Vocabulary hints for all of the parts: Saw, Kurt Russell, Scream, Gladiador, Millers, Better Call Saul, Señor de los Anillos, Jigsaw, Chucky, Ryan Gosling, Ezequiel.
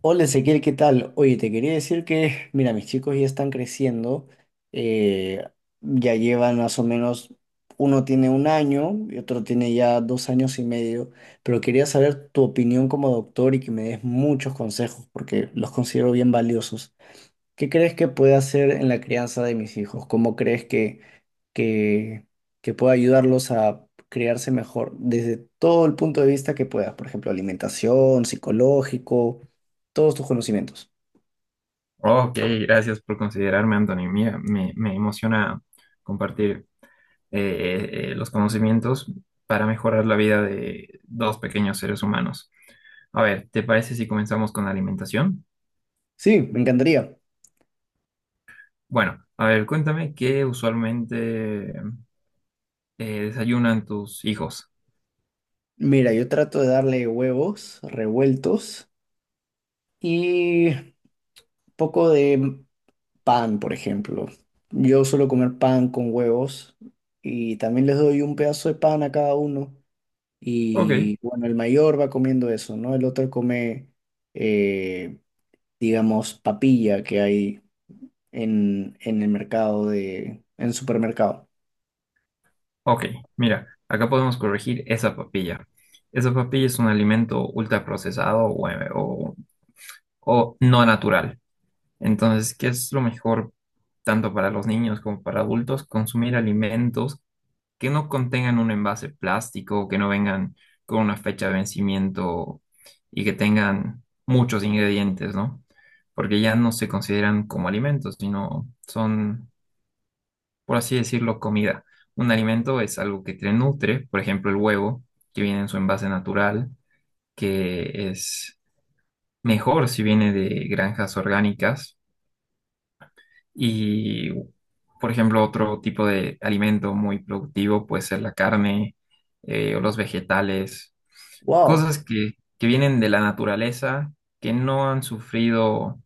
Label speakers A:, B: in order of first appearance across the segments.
A: Hola Ezequiel, ¿qué tal? Oye, te quería decir que, mira, mis chicos ya están creciendo, eh, ya llevan más o menos, uno tiene 1 año y otro tiene ya 2 años y medio, pero quería saber tu opinión como doctor y que me des muchos consejos porque los considero bien valiosos. ¿Qué crees que puede hacer en la crianza de mis hijos? ¿Cómo crees que que, que pueda ayudarlos a crearse mejor desde todo el punto de vista que puedas, por ejemplo, alimentación, psicológico, todos tus conocimientos.
B: Ok, gracias por considerarme, Anthony. Mira, me emociona compartir los conocimientos para mejorar la vida de dos pequeños seres humanos. A ver, ¿te parece si comenzamos con la alimentación?
A: Sí, me encantaría.
B: Bueno, a ver, cuéntame qué usualmente desayunan tus hijos.
A: Mira, yo trato de darle huevos revueltos y poco de pan, por ejemplo. Yo suelo comer pan con huevos y también les doy un pedazo de pan a cada uno.
B: Ok,
A: Y bueno, el mayor va comiendo eso, ¿no? El otro come eh, digamos, papilla que hay en el mercado de, en supermercado.
B: ok, mira, acá podemos corregir esa papilla. Esa papilla es un alimento ultraprocesado o o no natural. Entonces, ¿qué es lo mejor tanto para los niños como para adultos? Consumir alimentos que no contengan un envase plástico, que no vengan con una fecha de vencimiento y que tengan muchos ingredientes, ¿no? Porque ya no se consideran como alimentos, sino son, por así decirlo, comida. Un alimento es algo que te nutre, por ejemplo, el huevo, que viene en su envase natural, que es mejor si viene de granjas orgánicas. Y, por ejemplo, otro tipo de alimento muy productivo puede ser la carne o los vegetales,
A: Wow,
B: cosas que vienen de la naturaleza, que no han sufrido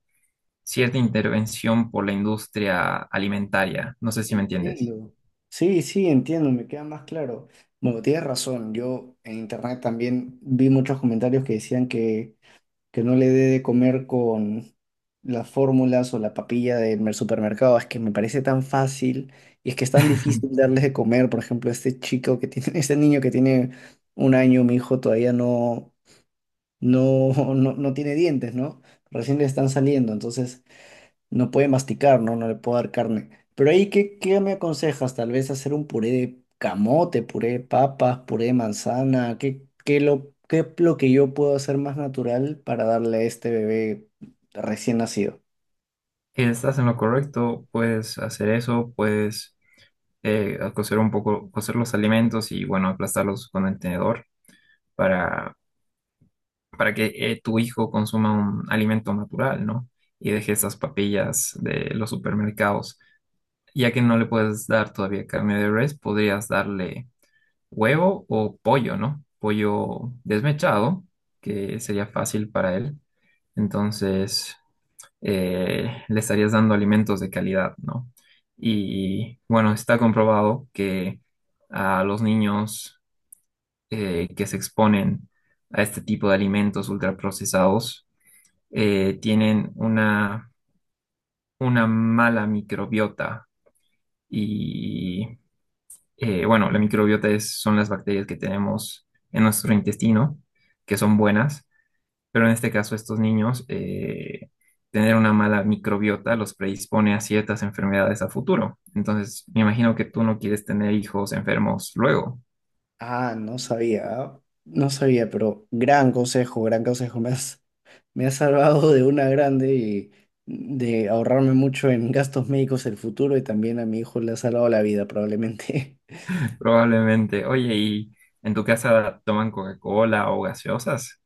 B: cierta intervención por la industria alimentaria. No sé si me entiendes.
A: entiendo. Sí, sí, entiendo, me queda más claro. Bueno, tienes razón, yo en internet también vi muchos comentarios que decían que no le dé de comer con las fórmulas o la papilla del mer- supermercado, es que me parece tan fácil y es que es tan difícil darles de comer, por ejemplo, este chico que tiene, este niño que tiene 1 año, mi hijo todavía no no, no, no tiene dientes, ¿no? Recién le están saliendo, entonces no puede masticar, ¿no? No le puedo dar carne. Pero ahí, ¿qué me aconsejas? Tal vez hacer un puré de camote, puré de papas, puré de manzana. ¿Qué es lo que yo puedo hacer más natural para darle a este bebé recién nacido?
B: Estás en lo correcto, puedes hacer eso, puedes cocer un poco, cocer los alimentos y, bueno, aplastarlos con el tenedor para para que tu hijo consuma un alimento natural, ¿no? Y deje esas papillas de los supermercados. Ya que no le puedes dar todavía carne de res, podrías darle huevo o pollo, ¿no? Pollo desmechado, que sería fácil para él. Entonces, le estarías dando alimentos de calidad, ¿no? Y bueno, está comprobado que a los niños que se exponen a este tipo de alimentos ultraprocesados, tienen una mala microbiota y bueno, la microbiota son las bacterias que tenemos en nuestro intestino, que son buenas, pero en este caso estos niños, tener una mala microbiota los predispone a ciertas enfermedades a futuro. Entonces, me imagino que tú no quieres tener hijos enfermos luego,
A: Ah, no sabía, pero gran consejo, gran consejo. más Me ha salvado de una grande y de ahorrarme mucho en gastos médicos el futuro y también a mi hijo le ha salvado la vida probablemente.
B: probablemente. Oye, ¿y en tu casa toman Coca-Cola o gaseosas?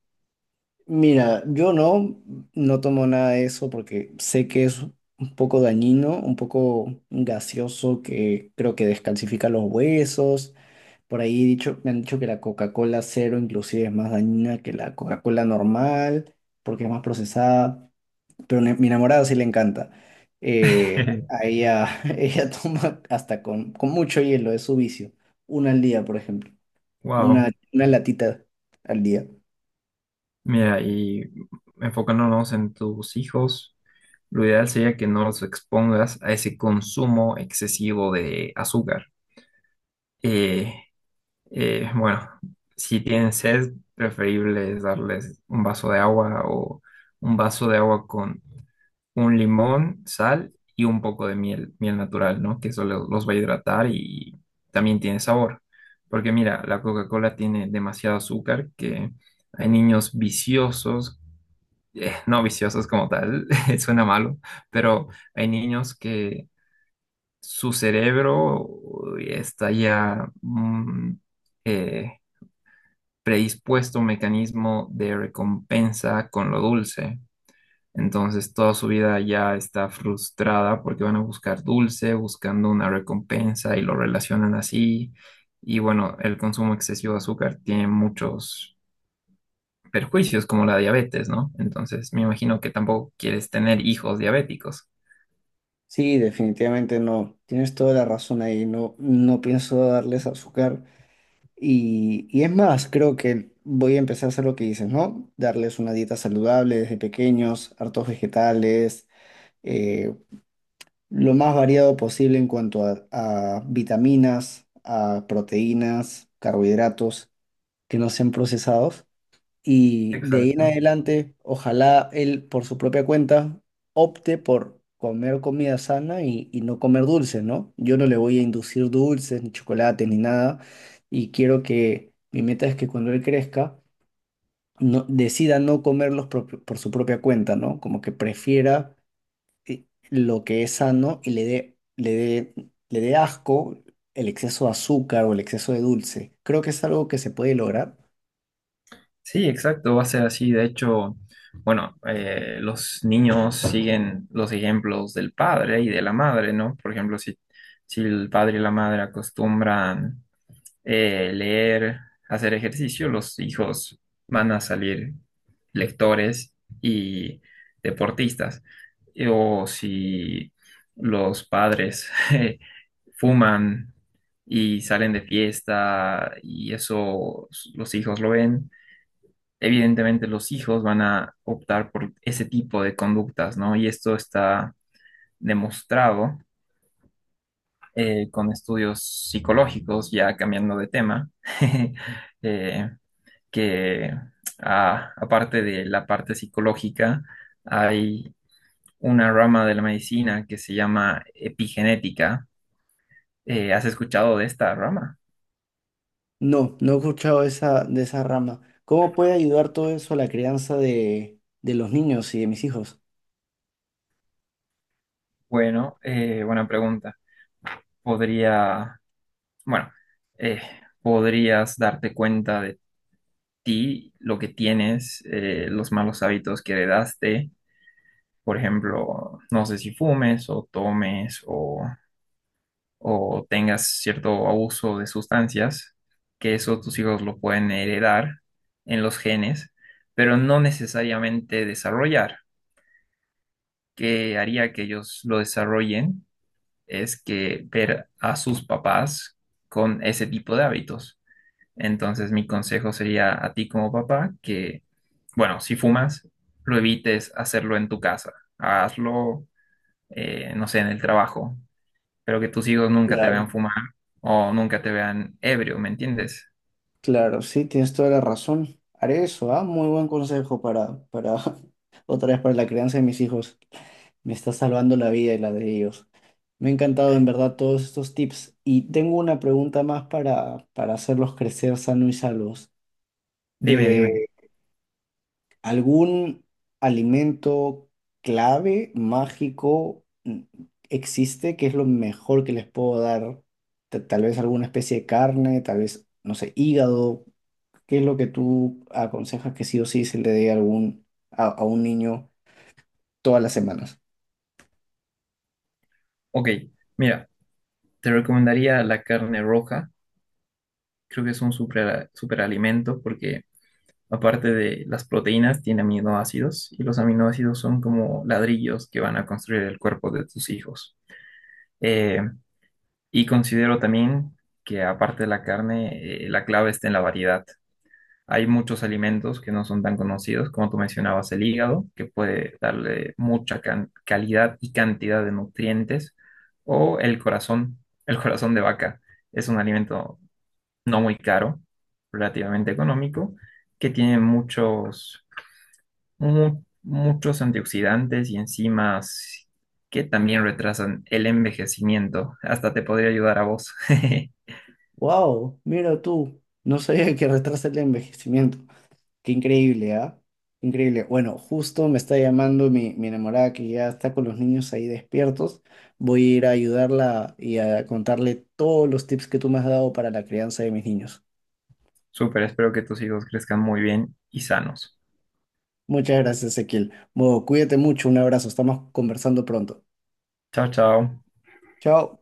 A: Mira, yo no, no tomo nada de eso porque sé que es un poco dañino, un poco gaseoso que creo que descalcifica los huesos. Por ahí dicho, me han dicho que la Coca-Cola cero inclusive es más dañina que la Coca-Cola normal porque es más procesada. Pero ne- mi enamorada sí le encanta. Eh, a ella, ella toma hasta con mucho hielo, es su vicio. Una al día, por ejemplo.
B: Wow.
A: Una latita al día.
B: Mira, y enfocándonos en tus hijos, lo ideal sería que no los expongas a ese consumo excesivo de azúcar. Eh, bueno, si tienen sed, preferible es darles un vaso de agua o un vaso de agua con un limón, sal y un poco de miel, miel natural, ¿no? Que eso los va a hidratar y también tiene sabor. Porque mira, la Coca-Cola tiene demasiado azúcar que hay niños viciosos, no viciosos como tal, suena malo, pero hay niños que su cerebro uy, está ya eh, predispuesto a un mecanismo de recompensa con lo dulce. Entonces toda su vida ya está frustrada porque van a buscar dulce, buscando una recompensa y lo relacionan así. Y bueno, el consumo excesivo de azúcar tiene muchos perjuicios como la diabetes, ¿no? Entonces, me imagino que tampoco quieres tener hijos diabéticos.
A: Sí, definitivamente no. Tienes toda la razón ahí. No, no pienso darles azúcar. Y es más, creo que voy a empezar a hacer lo que dices, ¿no? Darles una dieta saludable desde pequeños, hartos vegetales, eh, lo más variado posible en cuanto a vitaminas, a proteínas, carbohidratos que no sean procesados. Y de ahí en
B: Exacto.
A: adelante, ojalá él por su propia cuenta opte por comer comida sana y no comer dulces, ¿no? Yo no le voy a inducir dulces, ni chocolates, ni nada. Y quiero que mi meta es que cuando él crezca, no, decida no comerlos por su propia cuenta, ¿no? Como que prefiera lo que es sano y le dé asco el exceso de azúcar o el exceso de dulce. Creo que es algo que se puede lograr.
B: Sí, exacto, va a ser así. De hecho, bueno, los niños siguen los ejemplos del padre y de la madre, ¿no? Por ejemplo, si el padre y la madre acostumbran leer, hacer ejercicio, los hijos van a salir lectores y deportistas. O si los padres fuman y salen de fiesta y eso los hijos lo ven, evidentemente los hijos van a optar por ese tipo de conductas, ¿no? Y esto está demostrado con estudios psicológicos, ya cambiando de tema. eh, que aparte de la parte psicológica, hay una rama de la medicina que se llama epigenética. ¿Has escuchado de esta rama?
A: No, no he escuchado de esa rama. ¿Cómo puede ayudar todo eso a la crianza de los niños y de mis hijos?
B: Bueno, buena pregunta. Podría, bueno, eh, podrías darte cuenta de ti, lo que tienes, los malos hábitos que heredaste. Por ejemplo, no sé si fumes o tomes o tengas cierto abuso de sustancias, que eso tus hijos lo pueden heredar en los genes, pero no necesariamente desarrollar. Que haría que ellos lo desarrollen es que ver a sus papás con ese tipo de hábitos. Entonces, mi consejo sería a ti como papá que, bueno, si fumas, lo evites hacerlo en tu casa, hazlo, no sé, en el trabajo, pero que tus hijos nunca te vean
A: Claro,
B: fumar o nunca te vean ebrio, ¿me entiendes?
A: claro, sí, tienes toda la razón. Haré eso, ¿ah? Muy buen consejo para otra vez para la crianza de mis hijos. Me está salvando la vida y la de ellos. Me ha encantado en verdad todos estos tips. Y tengo una pregunta más para hacerlos crecer sanos y salvos.
B: Dime,
A: Eh,
B: dime.
A: ¿Algún alimento clave, mágico, existe que es lo mejor que les puedo dar? Ta- Tal vez alguna especie de carne, tal vez, no sé, hígado. ¿Qué es lo que tú aconsejas que sí o sí se le dé a algún, a un niño todas las semanas?
B: Ok, mira, te recomendaría la carne roja. Creo que es un super, superalimento porque aparte de las proteínas, tiene aminoácidos y los aminoácidos son como ladrillos que van a construir el cuerpo de tus hijos. Eh, y considero también que aparte de la carne, la clave está en la variedad. Hay muchos alimentos que no son tan conocidos, como tú mencionabas, el hígado, que puede darle mucha calidad y cantidad de nutrientes, o el corazón, el corazón de vaca. Es un alimento no muy caro, relativamente económico, que tiene muchos, muchos antioxidantes y enzimas que también retrasan el envejecimiento. Hasta te podría ayudar a vos.
A: Wow, mira tú, no sabía que retrasa el envejecimiento. Qué increíble, ¿ah? Increíble. Bueno, justo me está llamando mi enamorada que ya está con los niños ahí despiertos. Voy a ir a ayudarla y a contarle todos los tips que tú me has dado para la crianza de mis niños.
B: Súper, espero que tus hijos crezcan muy bien y sanos.
A: Muchas gracias, Ezequiel. Bueno, cuídate mucho, un abrazo, estamos conversando pronto.
B: Chao, chao.
A: Chao.